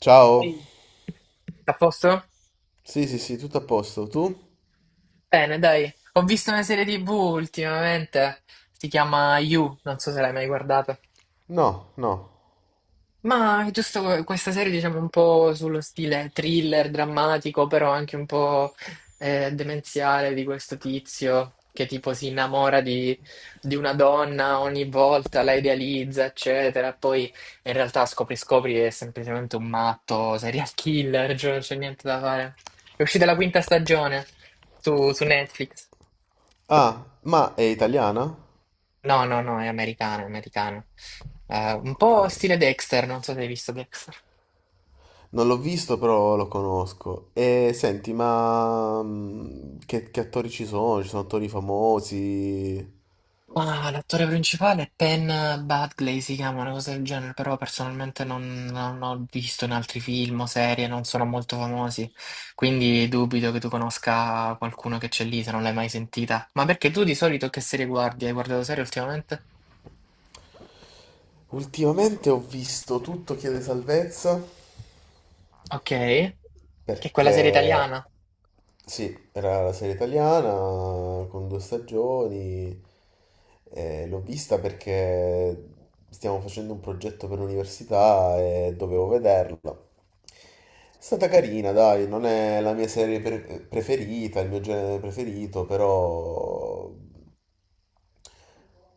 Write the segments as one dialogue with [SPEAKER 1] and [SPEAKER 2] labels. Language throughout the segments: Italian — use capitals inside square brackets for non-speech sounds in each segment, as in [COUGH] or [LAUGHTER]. [SPEAKER 1] Ciao,
[SPEAKER 2] Ehi, a posto?
[SPEAKER 1] sì sì sì, tutto a posto. Tu?
[SPEAKER 2] Bene, dai. Ho visto una serie TV ultimamente, si chiama You, non so se l'hai mai guardata.
[SPEAKER 1] No, no.
[SPEAKER 2] Ma è giusto questa serie, diciamo, un po' sullo stile thriller, drammatico, però anche un po' demenziale di questo tizio che tipo si innamora di una donna ogni volta, la idealizza, eccetera. Poi in realtà scopri che è semplicemente un matto, serial [LAUGHS] killer, cioè non c'è niente da fare. È uscita la quinta stagione su Netflix.
[SPEAKER 1] Ah, ma è italiana?
[SPEAKER 2] No, no, no, è americana, è americana. Un po'
[SPEAKER 1] Ok.
[SPEAKER 2] stile Dexter, non so se hai visto Dexter.
[SPEAKER 1] Non l'ho visto, però lo conosco. E senti, ma che attori ci sono? Ci sono attori famosi?
[SPEAKER 2] Ma l'attore principale è Penn Badgley, si chiama una cosa del genere, però personalmente non ho visto in altri film o serie, non sono molto famosi, quindi dubito che tu conosca qualcuno che c'è lì se non l'hai mai sentita. Ma perché tu di solito che serie guardi? Hai guardato serie ultimamente?
[SPEAKER 1] Ultimamente ho visto Tutto chiede salvezza.
[SPEAKER 2] Ok, che è quella serie
[SPEAKER 1] Perché
[SPEAKER 2] italiana,
[SPEAKER 1] sì, era la serie italiana con due stagioni. L'ho vista perché stiamo facendo un progetto per l'università e dovevo vederla. È stata carina, dai, non è la mia preferita, il mio genere preferito, però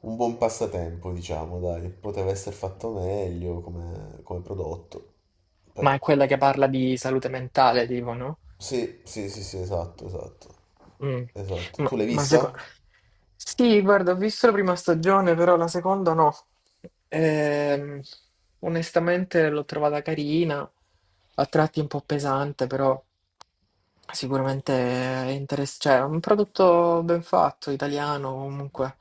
[SPEAKER 1] un buon passatempo, diciamo, dai. Poteva essere fatto meglio come, come prodotto,
[SPEAKER 2] ma
[SPEAKER 1] però.
[SPEAKER 2] è quella che parla di salute mentale, tipo, no?
[SPEAKER 1] Sì, sì, sì, sì, esatto, esatto.
[SPEAKER 2] Mm.
[SPEAKER 1] Esatto.
[SPEAKER 2] Ma,
[SPEAKER 1] Tu l'hai
[SPEAKER 2] ma seco-
[SPEAKER 1] vista?
[SPEAKER 2] Sì, guarda, ho visto la prima stagione, però la seconda no. Ehm, Onestamente l'ho trovata carina, a tratti un po' pesante, però sicuramente è interessante. Cioè, è un prodotto ben fatto, italiano comunque.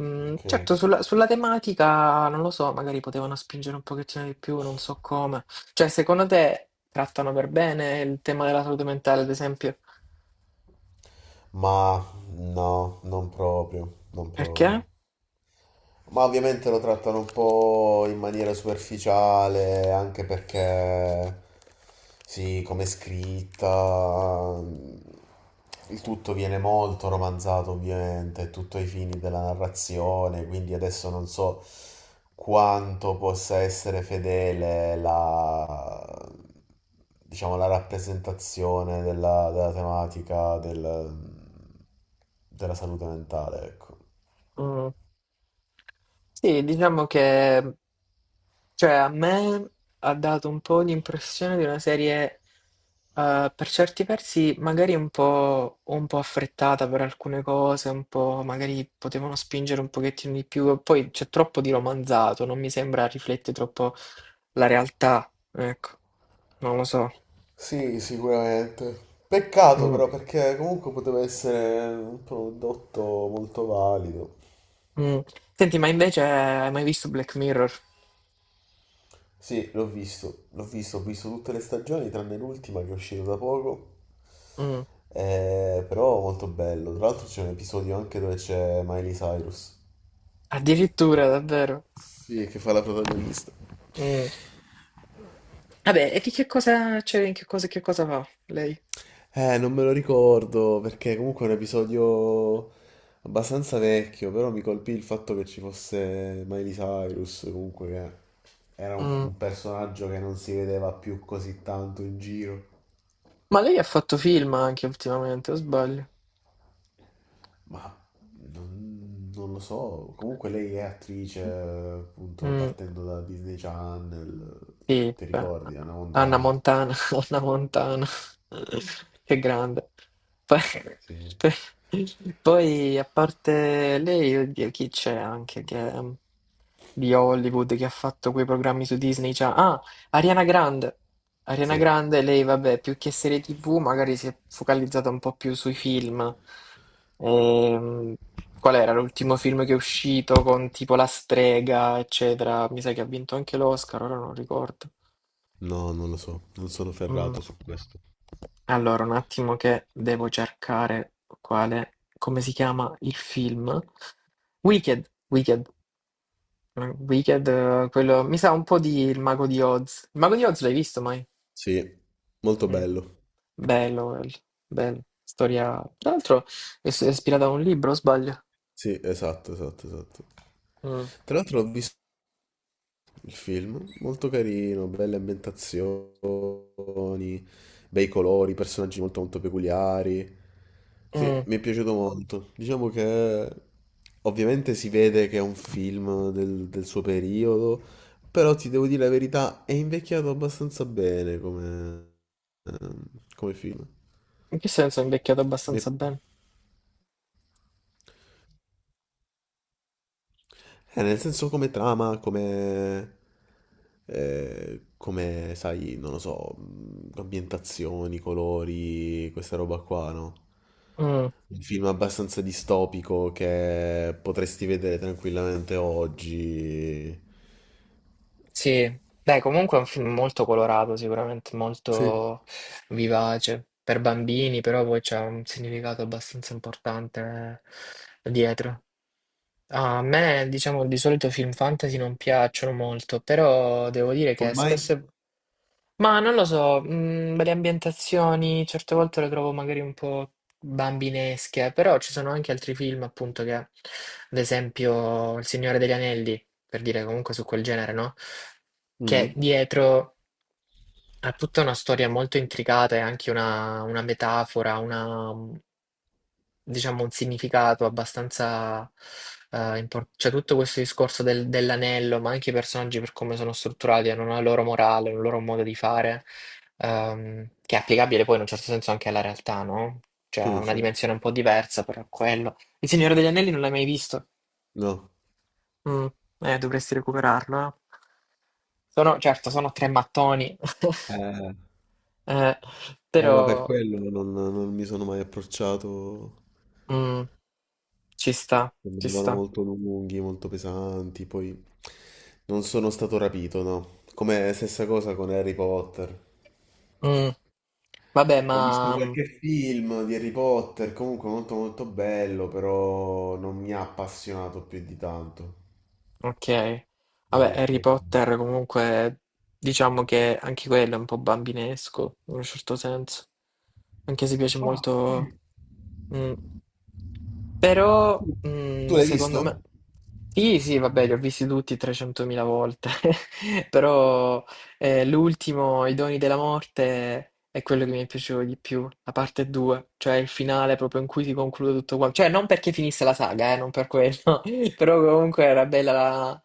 [SPEAKER 2] Mm,
[SPEAKER 1] Ok.
[SPEAKER 2] certo, sulla tematica, non lo so, magari potevano spingere un pochettino di più, non so come. Cioè, secondo te trattano per bene il tema della salute mentale, ad esempio?
[SPEAKER 1] Ma no, non proprio, non
[SPEAKER 2] Perché?
[SPEAKER 1] proprio. Ma ovviamente lo trattano un po' in maniera superficiale, anche perché, sì, come è scritta, il tutto viene molto romanzato, ovviamente, tutto ai fini della narrazione, quindi adesso non so quanto possa essere fedele la, diciamo, la rappresentazione della, della della salute mentale, ecco.
[SPEAKER 2] Mm. Sì, diciamo che, cioè, a me ha dato un po' l'impressione di una serie, per certi versi magari un un po' affrettata per alcune cose, un po' magari potevano spingere un pochettino di più, poi c'è troppo di romanzato, non mi sembra riflette troppo la realtà, ecco, non lo so.
[SPEAKER 1] Sì, sicuramente. Peccato
[SPEAKER 2] Mm,
[SPEAKER 1] però perché comunque poteva essere un prodotto molto valido.
[SPEAKER 2] mm. Senti, ma invece hai mai visto Black Mirror?
[SPEAKER 1] Sì, l'ho visto, ho visto tutte le stagioni tranne l'ultima che è uscita da poco.
[SPEAKER 2] Mm.
[SPEAKER 1] Però molto bello. Tra l'altro c'è un episodio anche dove c'è Miley Cyrus.
[SPEAKER 2] Addirittura, davvero?
[SPEAKER 1] Sì, che fa la protagonista.
[SPEAKER 2] Mm. Vabbè, e di che cosa, cioè, in che cosa va lei?
[SPEAKER 1] Non me lo ricordo perché comunque è un episodio abbastanza vecchio, però mi colpì il fatto che ci fosse Miley Cyrus, comunque che era
[SPEAKER 2] Mm.
[SPEAKER 1] un personaggio che non si vedeva più così tanto in giro,
[SPEAKER 2] Ma lei ha fatto film anche ultimamente, o sbaglio?
[SPEAKER 1] ma non lo so, comunque lei è attrice, appunto,
[SPEAKER 2] Mm.
[SPEAKER 1] partendo da Disney Channel,
[SPEAKER 2] Sì,
[SPEAKER 1] ti
[SPEAKER 2] beh,
[SPEAKER 1] ricordi, Anna
[SPEAKER 2] Anna
[SPEAKER 1] Montana?
[SPEAKER 2] Montana, [LAUGHS] Anna Montana, [LAUGHS] che grande. Poi,
[SPEAKER 1] Sì,
[SPEAKER 2] [LAUGHS] poi, a parte lei, oddio, chi c'è anche che, di Hollywood che ha fatto quei programmi su Disney? Cioè, ah, Ariana Grande. Ariana
[SPEAKER 1] sì.
[SPEAKER 2] Grande, lei, vabbè, più che serie TV, magari si è focalizzata un po' più sui film. Ehm, Qual era l'ultimo film che è uscito con tipo La strega, eccetera? Mi sa che ha vinto anche l'Oscar, ora non ricordo.
[SPEAKER 1] No, non lo so, non sono
[SPEAKER 2] Mm.
[SPEAKER 1] ferrato su questo.
[SPEAKER 2] Allora, un attimo che devo cercare quale, come si chiama il film? Wicked, Wicked. Mm, Wicked, quello, mi sa un po' di Il Mago di Oz. Il Mago di Oz l'hai visto mai?
[SPEAKER 1] Sì, molto
[SPEAKER 2] Mm.
[SPEAKER 1] bello.
[SPEAKER 2] Bello, quello, bello. Storia, tra l'altro è ispirata a un libro, o sbaglio?
[SPEAKER 1] Sì, esatto, esatto, esatto.
[SPEAKER 2] Mm,
[SPEAKER 1] Tra l'altro ho visto il film, molto carino, belle ambientazioni, bei colori, personaggi molto molto peculiari. Sì,
[SPEAKER 2] mm.
[SPEAKER 1] mi è piaciuto molto. Diciamo che ovviamente si vede che è un film del, del suo periodo, però ti devo dire la verità, è invecchiato abbastanza bene come, ehm, come film.
[SPEAKER 2] In che senso è invecchiato
[SPEAKER 1] Mi è
[SPEAKER 2] abbastanza bene?
[SPEAKER 1] Nel senso come trama, come, come, sai, non lo so, ambientazioni, colori, questa roba qua, no?
[SPEAKER 2] Mm.
[SPEAKER 1] Un film abbastanza distopico che potresti vedere tranquillamente oggi.
[SPEAKER 2] Sì, beh, comunque è un film molto colorato, sicuramente
[SPEAKER 1] Sì.
[SPEAKER 2] molto vivace per bambini, però poi c'è un significato abbastanza importante, dietro. A me, diciamo, di solito film fantasy non piacciono molto, però devo dire che
[SPEAKER 1] Come mai?
[SPEAKER 2] spesso ma non lo so, mm, le ambientazioni certe volte le trovo magari un po' bambinesche, però ci sono anche altri film, appunto, che ad esempio Il Signore degli Anelli, per dire comunque su quel genere, no? Che
[SPEAKER 1] Mhm.
[SPEAKER 2] dietro ha tutta una storia molto intricata e anche una metafora, una, diciamo, un significato abbastanza Cioè, tutto questo discorso dell'anello, ma anche i personaggi per come sono strutturati, hanno una loro morale, un loro modo di fare, che è applicabile poi in un certo senso anche alla realtà, no? Cioè, ha
[SPEAKER 1] Sì,
[SPEAKER 2] una
[SPEAKER 1] certo.
[SPEAKER 2] dimensione un po' diversa, però è quello. Il Signore degli Anelli non l'hai mai visto?
[SPEAKER 1] No.
[SPEAKER 2] Mm, dovresti recuperarlo, eh. Sono, certo, sono tre mattoni, [LAUGHS]
[SPEAKER 1] Eh,
[SPEAKER 2] eh,
[SPEAKER 1] ma per
[SPEAKER 2] però
[SPEAKER 1] quello non mi sono mai approcciato.
[SPEAKER 2] mm, ci sta, ci
[SPEAKER 1] Sembravano
[SPEAKER 2] sta.
[SPEAKER 1] molto lunghi, molto pesanti, poi non sono stato rapito, no? Come stessa cosa con Harry Potter.
[SPEAKER 2] Mm. Vabbè,
[SPEAKER 1] Ho visto
[SPEAKER 2] ma mm,
[SPEAKER 1] qualche film di Harry Potter, comunque molto molto bello, però non mi ha appassionato più di tanto,
[SPEAKER 2] ok.
[SPEAKER 1] devo
[SPEAKER 2] Vabbè, Harry
[SPEAKER 1] dirti.
[SPEAKER 2] Potter comunque diciamo che anche quello è un po' bambinesco in un certo senso. Anche se piace
[SPEAKER 1] Ah,
[SPEAKER 2] molto.
[SPEAKER 1] sì.
[SPEAKER 2] Mm. Però,
[SPEAKER 1] Tu l'hai
[SPEAKER 2] secondo
[SPEAKER 1] visto?
[SPEAKER 2] me... Sì, sì, vabbè, li ho visti tutti 300.000 volte, [LAUGHS] però l'ultimo, I doni della morte, è quello che mi piaceva di più, la parte 2, cioè il finale proprio in cui si conclude tutto quanto, cioè non perché finisse la saga, non per quello, [LAUGHS] però comunque era bella la...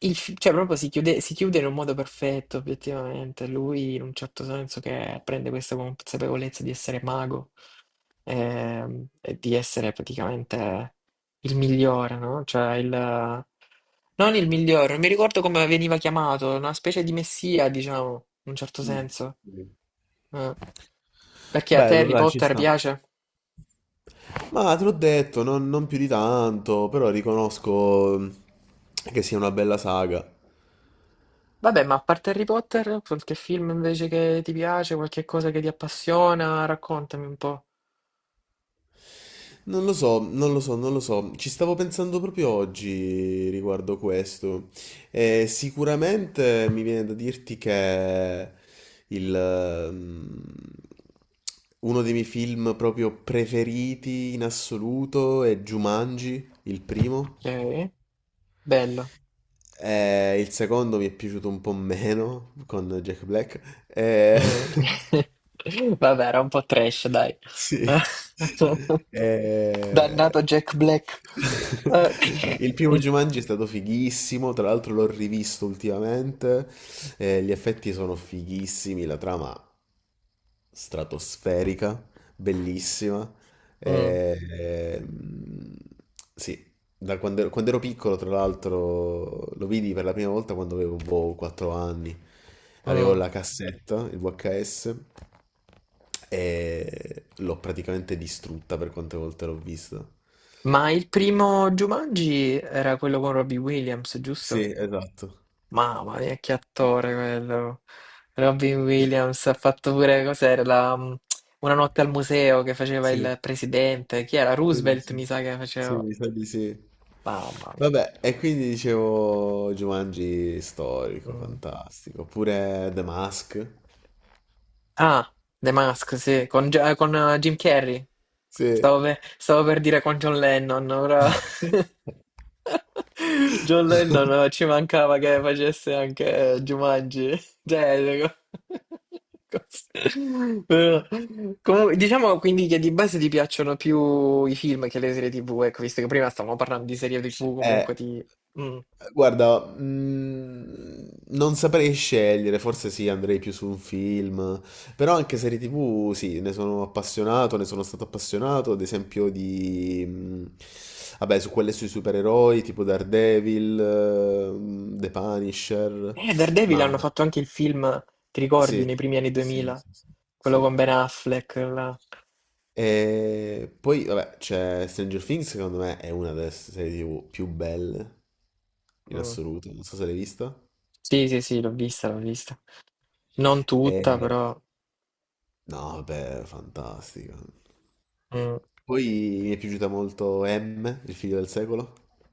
[SPEAKER 2] cioè proprio si chiude in un modo perfetto, obiettivamente, lui in un certo senso che prende questa consapevolezza di essere mago, e di essere praticamente il migliore, no? Cioè il... non il migliore, non mi ricordo come veniva chiamato, una specie di messia, diciamo, in un certo
[SPEAKER 1] Mm.
[SPEAKER 2] senso. Eh, Perché a te
[SPEAKER 1] Bello,
[SPEAKER 2] Harry
[SPEAKER 1] dai, ci
[SPEAKER 2] Potter
[SPEAKER 1] sta.
[SPEAKER 2] piace?
[SPEAKER 1] Ma te l'ho detto, non più di tanto, però riconosco che sia una bella saga.
[SPEAKER 2] Vabbè, ma a parte Harry Potter, qualche film invece che ti piace, qualche cosa che ti appassiona, raccontami un po'.
[SPEAKER 1] Non lo so, non lo so, non lo so. Ci stavo pensando proprio oggi riguardo questo. E sicuramente mi viene da dirti che il, uno dei miei film proprio preferiti in assoluto è Jumanji, il primo.
[SPEAKER 2] Ok, bello.
[SPEAKER 1] E il secondo mi è piaciuto un po' meno con Jack Black. E...
[SPEAKER 2] Mm.
[SPEAKER 1] [LAUGHS]
[SPEAKER 2] [LAUGHS] Vabbè, era un po' trash, dai.
[SPEAKER 1] Sì.
[SPEAKER 2] [LAUGHS] Dannato
[SPEAKER 1] Eh,
[SPEAKER 2] Jack Black. Eh.
[SPEAKER 1] [LAUGHS] il primo
[SPEAKER 2] [LAUGHS]
[SPEAKER 1] Jumanji è stato fighissimo, tra l'altro l'ho rivisto ultimamente, gli effetti sono fighissimi, la trama stratosferica, bellissima.
[SPEAKER 2] Mm,
[SPEAKER 1] E- e, mm, sì, da quando ero piccolo, tra l'altro, lo vidi per la prima volta quando avevo boh, 4 anni. Avevo
[SPEAKER 2] mm.
[SPEAKER 1] la cassetta, il VHS, e l'ho praticamente distrutta per quante volte l'ho vista.
[SPEAKER 2] Ma il primo Jumanji era quello con Robbie Williams, giusto?
[SPEAKER 1] Sì, esatto.
[SPEAKER 2] Mamma mia, che attore quello. Robbie
[SPEAKER 1] [LAUGHS]
[SPEAKER 2] Williams ha fatto pure, cos'era, la, mm, Una notte al museo, che faceva
[SPEAKER 1] Sì.
[SPEAKER 2] il presidente. Chi era?
[SPEAKER 1] Sì,
[SPEAKER 2] Roosevelt,
[SPEAKER 1] sì.
[SPEAKER 2] mi sa che
[SPEAKER 1] Sì,
[SPEAKER 2] faceva.
[SPEAKER 1] mi sa di sì.
[SPEAKER 2] Mamma mia.
[SPEAKER 1] Vabbè, e quindi dicevo Jumanji storico,
[SPEAKER 2] Mm.
[SPEAKER 1] fantastico. Oppure The Mask.
[SPEAKER 2] Ah, The Mask, sì, con, Jim Carrey.
[SPEAKER 1] Sì.
[SPEAKER 2] Stavo per dire con John Lennon, però
[SPEAKER 1] [LAUGHS]
[SPEAKER 2] [LAUGHS] John Lennon ci mancava che facesse anche Jumanji. [LAUGHS] Cioè, co- [LAUGHS] cos- però- comunque, diciamo quindi che di base ti piacciono più i film che le serie TV, ecco, visto che prima stavamo parlando di serie TV,
[SPEAKER 1] Eh,
[SPEAKER 2] comunque ti... Mm.
[SPEAKER 1] guarda, non saprei scegliere, forse sì, andrei più su un film, però anche serie TV, sì, ne sono appassionato, ne sono stato appassionato, ad esempio di, vabbè, su quelle sui supereroi, tipo Daredevil, The Punisher,
[SPEAKER 2] Daredevil
[SPEAKER 1] ma
[SPEAKER 2] hanno fatto anche il film, ti
[SPEAKER 1] sì,
[SPEAKER 2] ricordi, nei primi anni
[SPEAKER 1] sì, sì,
[SPEAKER 2] 2000?
[SPEAKER 1] sì. Sì.
[SPEAKER 2] Quello con
[SPEAKER 1] Sì.
[SPEAKER 2] Ben Affleck, là.
[SPEAKER 1] E poi, vabbè, c'è Stranger Things, secondo me è una delle serie TV più belle in
[SPEAKER 2] Mm.
[SPEAKER 1] assoluto, non so se l'hai vista.
[SPEAKER 2] Sì, sì, sì, l'ho vista, l'ho vista. Non tutta,
[SPEAKER 1] E,
[SPEAKER 2] però...
[SPEAKER 1] no, beh, fantastica.
[SPEAKER 2] mm,
[SPEAKER 1] Poi mi è piaciuta molto M, il figlio del secolo.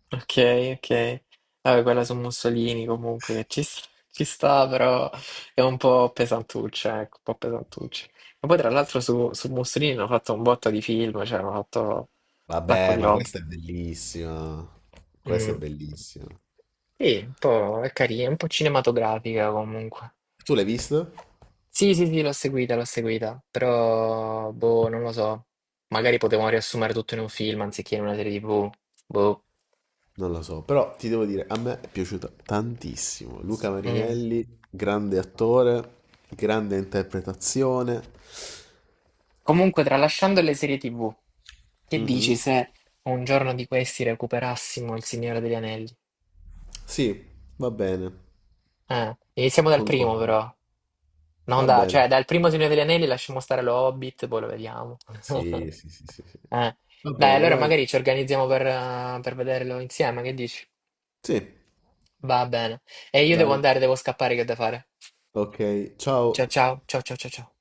[SPEAKER 2] ok, ok. Vabbè, quella su Mussolini comunque che ci sta, però è un po' pesantuccia, ecco, un po' pesantuccia. E poi tra l'altro su Mussolini hanno fatto un botto di film, cioè hanno fatto un sacco
[SPEAKER 1] Vabbè,
[SPEAKER 2] di
[SPEAKER 1] ma
[SPEAKER 2] roba.
[SPEAKER 1] questa è bellissima. Questa è
[SPEAKER 2] Mm.
[SPEAKER 1] bellissima.
[SPEAKER 2] Sì, un po' è carina, un po' cinematografica comunque.
[SPEAKER 1] Tu l'hai visto?
[SPEAKER 2] Sì, sì, sì, l'ho seguita, però, boh, non lo so. Magari potevamo riassumere tutto in un film anziché in una serie TV. Boh.
[SPEAKER 1] Non lo so, però ti devo dire, a me è piaciuta tantissimo. Luca
[SPEAKER 2] Mm.
[SPEAKER 1] Marinelli, grande attore, grande interpretazione.
[SPEAKER 2] Comunque, tralasciando le serie TV, che dici
[SPEAKER 1] Mhm.
[SPEAKER 2] se un giorno di questi recuperassimo Il Signore degli Anelli?
[SPEAKER 1] Sì, va bene.
[SPEAKER 2] Iniziamo dal primo,
[SPEAKER 1] Concordo.
[SPEAKER 2] però. Non
[SPEAKER 1] Va
[SPEAKER 2] da,
[SPEAKER 1] bene.
[SPEAKER 2] cioè, dal primo Signore degli Anelli lasciamo stare lo Hobbit, poi lo vediamo.
[SPEAKER 1] Sì,
[SPEAKER 2] [LAUGHS]
[SPEAKER 1] sì, sì, sì, sì.
[SPEAKER 2] Eh,
[SPEAKER 1] Va
[SPEAKER 2] dai,
[SPEAKER 1] bene,
[SPEAKER 2] allora
[SPEAKER 1] dai.
[SPEAKER 2] magari ci organizziamo per vederlo insieme, che dici?
[SPEAKER 1] Sì,
[SPEAKER 2] Va bene. E io devo
[SPEAKER 1] dai.
[SPEAKER 2] andare, devo scappare, che ho da fare.
[SPEAKER 1] Ok, ciao.
[SPEAKER 2] Ciao ciao, ciao ciao ciao ciao.